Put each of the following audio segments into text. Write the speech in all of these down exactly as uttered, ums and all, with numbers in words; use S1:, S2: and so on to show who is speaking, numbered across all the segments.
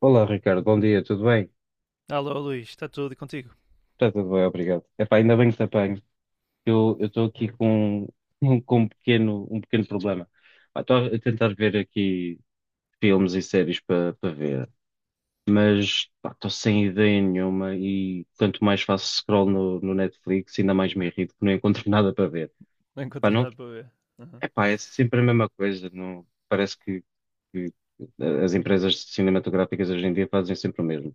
S1: Olá, Ricardo, bom dia, tudo bem?
S2: Alô, Luís, está tudo e contigo?
S1: Está tudo bem, obrigado. Epá, ainda bem que te apanho. Eu eu estou aqui com, um- um, com um pequeno, um pequeno problema. Pá, estou a tentar ver aqui filmes e séries para para ver, mas pá, estou sem ideia nenhuma e quanto mais faço scroll no, no Netflix, ainda mais me irrito que não encontro nada para ver.
S2: Não
S1: Pá,
S2: encontras
S1: não,
S2: nada para ver? Aham.
S1: epá, é sempre a mesma coisa. Não, parece que, que as empresas cinematográficas hoje em dia fazem sempre o mesmo.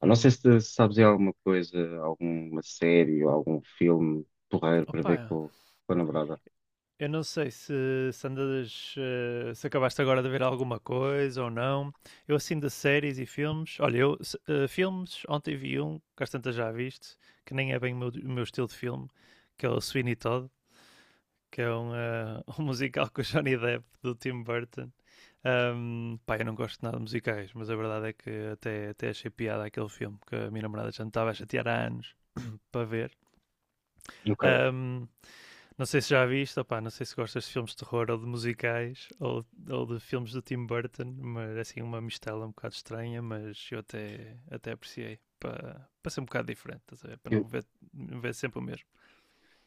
S1: Eu não sei
S2: Uhum.
S1: se se sabes aí alguma coisa, alguma série ou algum filme porreiro para ver
S2: Opa,
S1: com, com a namorada.
S2: eu não sei se, se andas, eh, se acabaste agora de ver alguma coisa ou não. Eu assim de séries e filmes, olha, eu se- eh, filmes, ontem vi um, que às tantas já viste, que nem é bem o meu, o meu estilo de filme, que é o Sweeney Todd, que é um, eh, um musical com o Johnny Depp do Tim Burton. Ahm, pá, eu não gosto nada de musicais, mas a verdade é que até, até achei piada aquele filme que a minha namorada já me estava a chatear há anos para ver.
S1: Ok.
S2: Um, não sei se já viste, opá, não sei se gostas de filmes de terror ou de musicais ou, ou de filmes do Tim Burton, mas assim uma mistela um bocado estranha, mas eu até, até apreciei para, para ser um bocado diferente, para
S1: Eu
S2: não ver, não ver sempre o mesmo.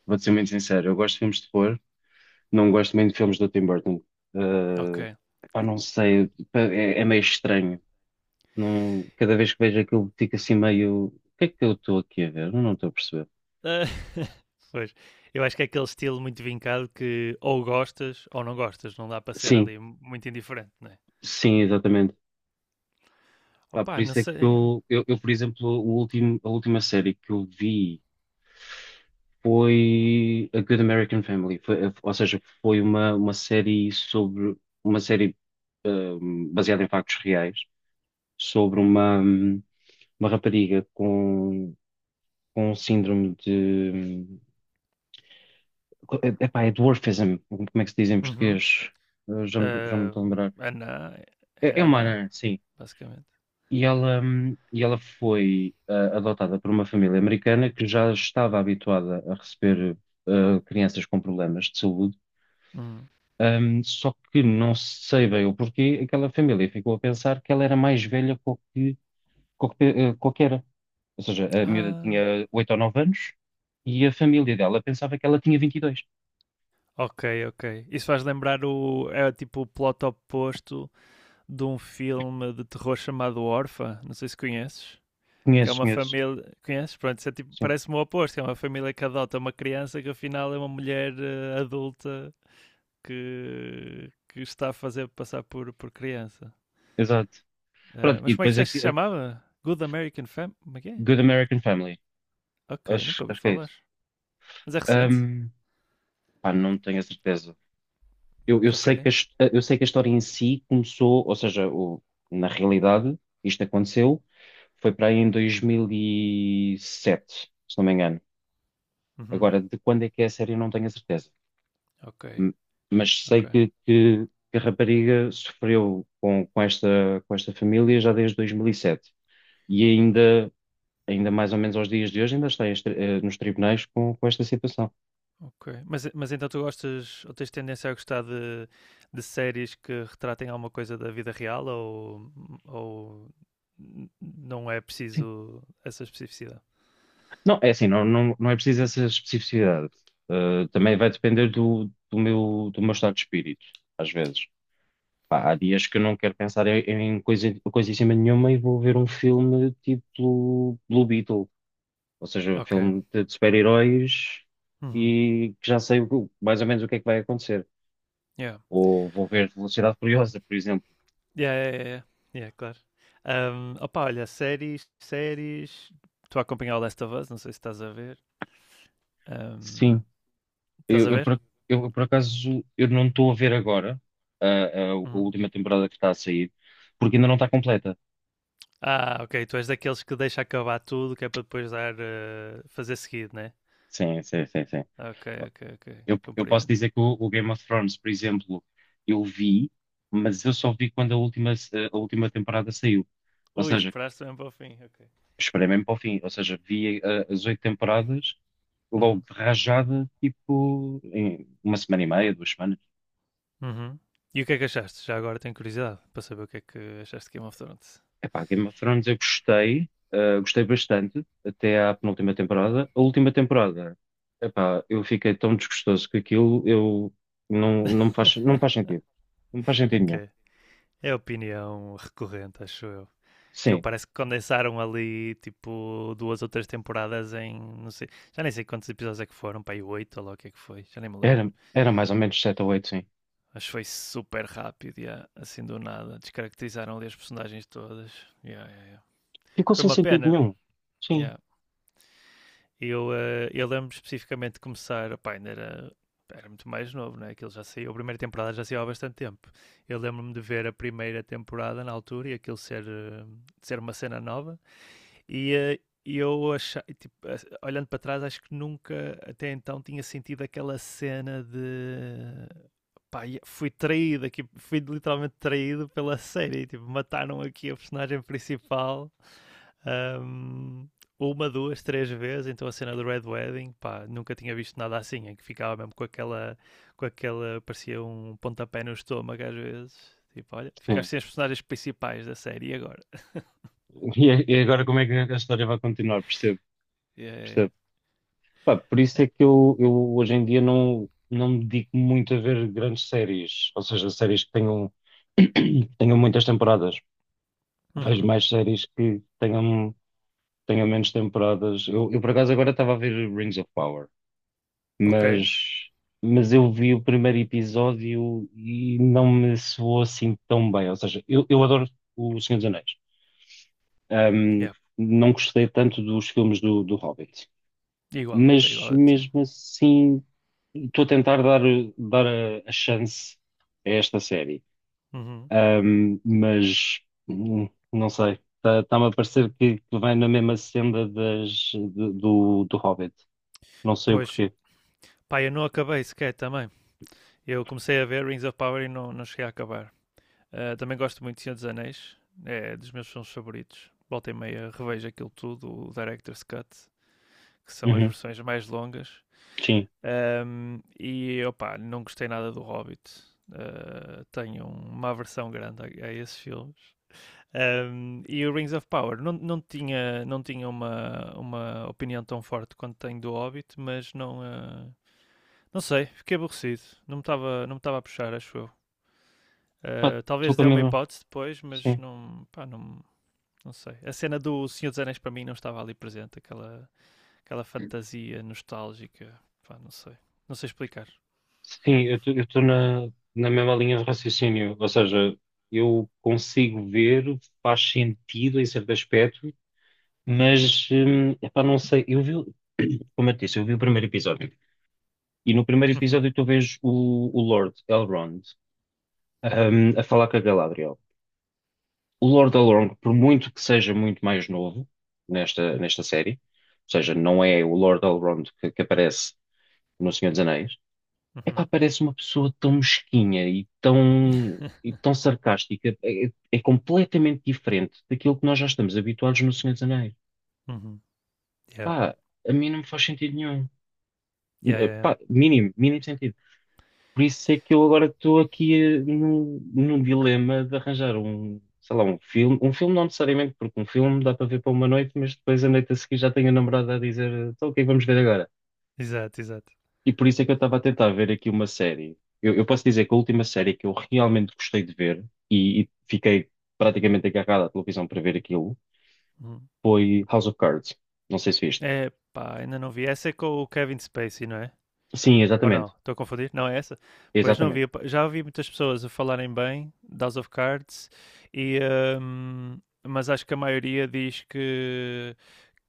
S1: vou-te ser muito sincero, eu gosto de filmes de terror, não gosto muito de filmes do Tim Burton.
S2: Ok.
S1: Ah,
S2: Uh,
S1: pá, não sei, pá, é, é meio estranho. Não, cada vez que vejo aquilo fico assim meio. O que é que eu estou aqui a ver? Eu não estou a perceber.
S2: pois, eu acho que é aquele estilo muito vincado que ou gostas ou não gostas, não dá para ser
S1: Sim,
S2: ali muito indiferente, não é?
S1: sim, exatamente. Pá, por
S2: Opá, não
S1: isso é que
S2: sei.
S1: eu, eu, eu, por exemplo, o último, a última série que eu vi foi A Good American Family. Foi- ou seja, foi uma, uma série sobre uma série, hum, baseada em factos reais sobre uma, hum, uma rapariga com, com síndrome de, epá, é dwarfism, como é que se diz em
S2: Uhum.
S1: português? Eu Já, já não me
S2: Uh,
S1: estou a lembrar.
S2: Ana,
S1: É, é
S2: é
S1: uma
S2: Ana,
S1: anã, sim.
S2: basicamente.
S1: E ela, hum, e ela foi ah, adotada por uma família americana que já estava habituada a receber ah, crianças com problemas de saúde.
S2: Uhum.
S1: Ahm, só que não sei bem o porquê, aquela família ficou a pensar que ela era mais velha que o que, que o que- eh, que Ou seja, a miúda
S2: Ah,
S1: tinha oito ou nove anos e a família dela pensava que ela tinha vinte e dois.
S2: ok, ok. Isso faz lembrar o. É tipo o plot oposto de um filme de terror chamado Orpha. Não sei se conheces. Que é
S1: Conheço,
S2: uma
S1: conheço.
S2: família. Conheces? Pronto, isso é tipo,
S1: Sim,
S2: parece-me o oposto. Que é uma família que adota uma criança que afinal é uma mulher eh, adulta que, que está a fazer passar por, por criança.
S1: exato.
S2: Eh,
S1: Pronto, e
S2: mas como é que
S1: depois
S2: disseste
S1: aqui,
S2: que se
S1: a
S2: chamava? Good American Family? Como é que é?
S1: Good American Family.
S2: Ok, nunca
S1: Acho,
S2: ouvi
S1: acho que é
S2: falar.
S1: isso.
S2: Mas é recente?
S1: Ahm, pá, não tenho a certeza. eu, eu sei
S2: Ok.
S1: que a, his- eu sei que a história em si começou, ou seja, o- na realidade, isto aconteceu, foi para aí em dois mil e sete, se não me engano.
S2: Uhum,
S1: Agora, de quando é que é a série, eu não tenho a certeza.
S2: ok,
S1: M- Mas
S2: ok.
S1: sei que, que- que a rapariga sofreu com, com esta, com esta família já desde dois mil e sete. E sete. E ainda, ainda mais ou menos aos dias de hoje, ainda está em estri- eh, nos tribunais com, com esta situação.
S2: Ok. Mas, mas então tu gostas ou tens tendência a gostar de, de séries que retratem alguma coisa da vida real ou, ou n- não é preciso essa especificidade?
S1: Não, é assim, não, não, não é preciso essa especificidade. Uh, também vai depender do, do meu, do meu estado de espírito, às vezes. Pá, há dias que eu não quero pensar em, em coisa, coisíssima nenhuma e vou ver um filme tipo Blue Beetle, ou seja, um
S2: Ok.
S1: filme de, de super-heróis
S2: Uhum.
S1: e que já sei o que- mais ou menos o que é que vai acontecer.
S2: Yeah.
S1: Ou vou ver Velocidade Furiosa, por exemplo.
S2: Yeah, yeah, yeah, yeah. Yeah, claro. Um, opa, olha, séries, séries. Estou a acompanhar o Last of Us, não sei se estás a ver. Um,
S1: Sim,
S2: estás
S1: eu,
S2: a
S1: eu,
S2: ver?
S1: por, eu por acaso eu não estou a ver agora a, a a
S2: Uhum.
S1: última temporada que está a sair, porque ainda não está completa.
S2: Ah, ok. Tu és daqueles que deixa acabar tudo que é para depois dar, eh, fazer seguido, né?
S1: Sim, sim, sim, sim.
S2: Ok, ok, ok.
S1: Eu, eu posso
S2: Compreendo.
S1: dizer que o, o Game of Thrones, por exemplo, eu vi, mas eu só vi quando a última, a última temporada saiu. Ou
S2: Ui,
S1: seja,
S2: esperaste também para o fim, ok.
S1: esperei mesmo para o fim. Ou seja, vi eh, as oito temporadas logo
S2: Uhum.
S1: de rajada, tipo, em uma semana e meia, duas semanas.
S2: Uhum. E o que é que achaste? Já agora tenho curiosidade para saber o que é que achaste de Game of Thrones.
S1: Epá, Game of Thrones eu gostei, eh, gostei bastante até à penúltima temporada. A última temporada, epá, eu fiquei tão desgostoso que aquilo eu não, não me faz, não me faz sentido. Não me faz sentido nenhum.
S2: Ok. É a opinião recorrente, acho eu. Que eu
S1: Sim,
S2: parece que condensaram ali tipo duas ou três temporadas em não sei, já nem sei quantos episódios é que foram, para aí oito ou lá o que é que foi, já nem me lembro.
S1: era, era mais ou menos sete ou oito, sim.
S2: Acho que foi super rápido, yeah, assim do nada. Descaracterizaram ali as personagens todas. Yeah, yeah, yeah.
S1: Ficou
S2: Foi
S1: sem
S2: uma
S1: sentido
S2: pena.
S1: nenhum. Sim,
S2: Yeah. Eu, eh, eu lembro especificamente de começar, opá, ainda era, era muito mais novo, né? Aquilo já saiu, a primeira temporada já saiu há bastante tempo. Eu lembro-me de ver a primeira temporada na altura e aquilo ser, eh, ser uma cena nova. E eh, eu achei, tipo, eh, olhando para trás, acho que nunca até então tinha sentido aquela cena de pá, fui traído aqui, fui literalmente traído pela série, tipo, mataram aqui a personagem principal um, uma, duas, três vezes, então a cena do Red Wedding, pá, nunca tinha visto nada assim, em que ficava mesmo com aquela, com aquela, parecia um pontapé no estômago às vezes, tipo, olha,
S1: sim.
S2: ficaste sem as personagens principais da série, e agora?
S1: E, a- e agora como é que a história vai continuar? Percebo,
S2: Yeah, yeah,
S1: percebo. Pá, por isso
S2: yeah.
S1: é que eu, eu hoje em dia não, não me dedico muito a ver grandes séries, ou seja, séries que tenham, tenham muitas temporadas. Vejo
S2: Uhum.
S1: mais séries que tenham, tenham menos temporadas. Eu, eu por acaso agora estava a ver Rings of Power,
S2: Ok,
S1: mas, mas eu vi o primeiro episódio e não me soou assim tão bem. Ou seja, eu, eu adoro O Senhor dos Anéis. Um,
S2: yeah.
S1: não gostei tanto dos filmes do, do Hobbit,
S2: Igual, estou
S1: mas
S2: igual a ti.
S1: mesmo assim estou a tentar dar, dar a, a chance a esta série.
S2: Uhum.
S1: Um, mas hum, não sei, está-me a parecer que, que vai na mesma senda das, de- do, do Hobbit. Não sei o
S2: Pois,
S1: porquê.
S2: pá, eu não acabei sequer também, eu comecei a ver Rings of Power e não, não cheguei a acabar. Uh, também gosto muito de Senhor dos Anéis, é dos meus filmes favoritos, volta e meia revejo aquilo tudo, o Director's Cut, que são as
S1: Uhum,
S2: versões mais longas.
S1: sim.
S2: Um, e opá, não gostei nada do Hobbit. Uh, tenho uma aversão grande a, a esses filmes. Um, e o Rings of Power não, não tinha, não tinha uma, uma opinião tão forte quanto tenho do Hobbit, mas não, uh, não sei, fiquei aborrecido. Não me estava não me estava a puxar, acho eu.
S1: Pá,
S2: Uh,
S1: estou
S2: talvez
S1: com a
S2: dê uma
S1: mesma.
S2: hipótese depois, mas
S1: Sim,
S2: não, pá, não, não sei. A cena do Senhor dos Anéis para mim não estava ali presente, aquela aquela fantasia nostálgica. Pá, não sei. Não sei explicar.
S1: sim, eu estou na, na mesma linha de raciocínio, ou seja, eu consigo ver, faz sentido em certo aspecto. Mas, hum, epá, não sei, eu vi, o- como eu te disse, eu vi o primeiro episódio. E no primeiro
S2: Uhum,
S1: episódio tu vês o, o Lord Elrond, hum, a falar com a Galadriel. O Lord Elrond, por muito que seja muito mais novo nesta, nesta série, ou seja, não é o Lord Elrond que, que aparece no Senhor dos Anéis, epá,
S2: uhum.
S1: parece uma pessoa tão mesquinha e tão, e tão sarcástica. É, é- é completamente diferente daquilo que nós já estamos habituados no Senhor dos Anéis.
S2: Uhum. Yeah.
S1: Pá, a mim não me faz sentido nenhum.
S2: Yeah,
S1: Eh,
S2: yeah, yeah.
S1: pá, mínimo, mínimo sentido. Por isso é que eu agora estou aqui eh, num, num dilema de arranjar um, sei lá, um filme. Um filme não necessariamente, porque um filme dá para ver para uma noite, mas depois a noite a seguir já tenho a namorada a dizer, eh, então o que é que vamos ver agora?
S2: Exato, exato.
S1: E por isso é que eu estava a tentar ver aqui uma série. Eu, eu posso dizer que a última série que eu realmente gostei de ver e, e fiquei praticamente agarrado à televisão para ver aquilo
S2: Uhum.
S1: foi House of Cards. Não sei se viste.
S2: É, pá, ainda não vi. Essa é com o Kevin Spacey, não é?
S1: Sim,
S2: Ou não?
S1: exatamente.
S2: Estou a confundir? Não é essa? Pois não vi.
S1: Exatamente.
S2: Já ouvi muitas pessoas a falarem bem de House of Cards e... hum, mas acho que a maioria diz que,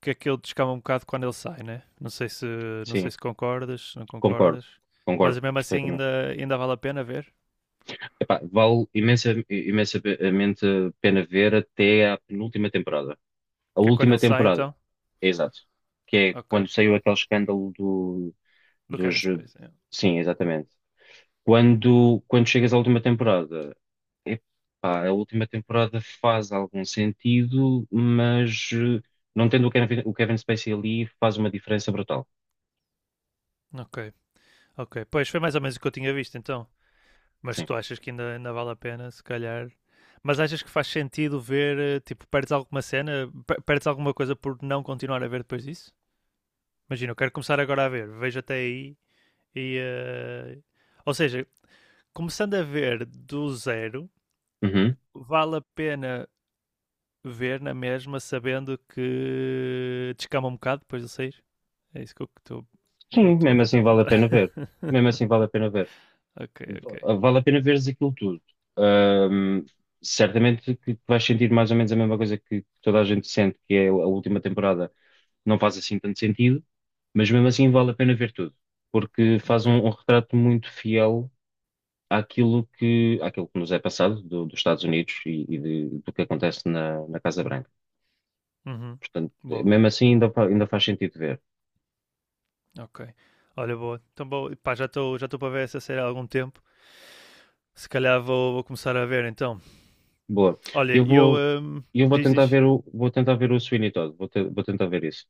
S2: que aquilo descama um bocado quando ele sai, né? Não sei se, não sei
S1: Sim,
S2: se concordas, se não
S1: concordo.
S2: concordas. Mas
S1: Concordo
S2: mesmo assim
S1: perfeitamente.
S2: ainda, ainda vale a pena ver.
S1: Epá, vale imensa, imensamente a pena ver até à penúltima temporada. A
S2: Que é quando
S1: última
S2: ele sai,
S1: temporada,
S2: então?
S1: é exato. Que é
S2: Ok.
S1: quando saiu aquele escândalo do,
S2: Do
S1: dos.
S2: Kevin Space.
S1: Sim, exatamente. Quando, quando chegas à última temporada, epá, a última temporada faz algum sentido, mas eh, não tendo o Kevin, o Kevin Spacey ali faz uma diferença brutal.
S2: Ok, ok. Pois foi mais ou menos o que eu tinha visto, então. Mas
S1: Sim.
S2: tu achas que ainda, ainda vale a pena, se calhar. Mas achas que faz sentido ver, eh, tipo, perdes alguma cena, perdes alguma coisa por não continuar a ver depois disso? Imagina, eu quero começar agora a ver, vejo até aí e. eh, ou seja, começando a ver do zero,
S1: Uhum.
S2: vale a pena ver na mesma, sabendo que descama um bocado depois de sair? É isso que eu estou que eu
S1: Sim,
S2: estou a
S1: mesmo assim
S2: tentar
S1: vale a
S2: perguntar.
S1: pena ver. Mesmo assim vale a pena ver.
S2: Ok, ok.
S1: Vale a pena veres aquilo tudo. Ahm, Certamente que que vais sentir mais ou menos a mesma coisa que que toda a gente sente, que é a última temporada não faz assim tanto sentido, mas mesmo assim vale a pena ver tudo, porque faz
S2: Ok.
S1: um, um retrato muito fiel àquilo que, àquilo que nos é passado do- dos Estados Unidos e, e de- do que acontece na, na Casa Branca.
S2: Uhum.
S1: Portanto,
S2: Boa,
S1: mesmo assim ainda, fa- ainda faz sentido ver.
S2: ok. Olha, boa. Então, boa. Pá, já estou já estou para ver essa série há algum tempo. Se calhar vou, vou começar a ver então.
S1: Boa.
S2: Olha,
S1: Eu
S2: eu.
S1: vou,
S2: Hum,
S1: eu vou
S2: diz,
S1: tentar
S2: diz.
S1: ver o, vou tentar ver o Sweeney Todd, vou, te- vou tentar ver isso.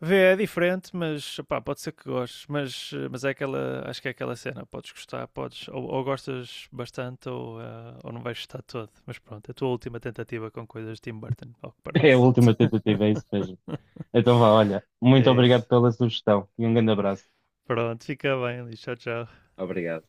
S2: Vê é diferente, mas pá, pode ser que gostes. Mas, eh, mas é aquela. Acho que é aquela cena. Podes gostar, podes. Ou, ou gostas bastante ou, eh, ou não vais gostar todo. Mas pronto, é a tua última tentativa com coisas de Tim Burton, ao que
S1: É a
S2: parece.
S1: última tentativa, é isso mesmo. Então vá, olha, muito
S2: É
S1: obrigado
S2: isso.
S1: pela sugestão e um grande abraço.
S2: Pronto, fica bem, Liz. Tchau, tchau.
S1: Obrigado.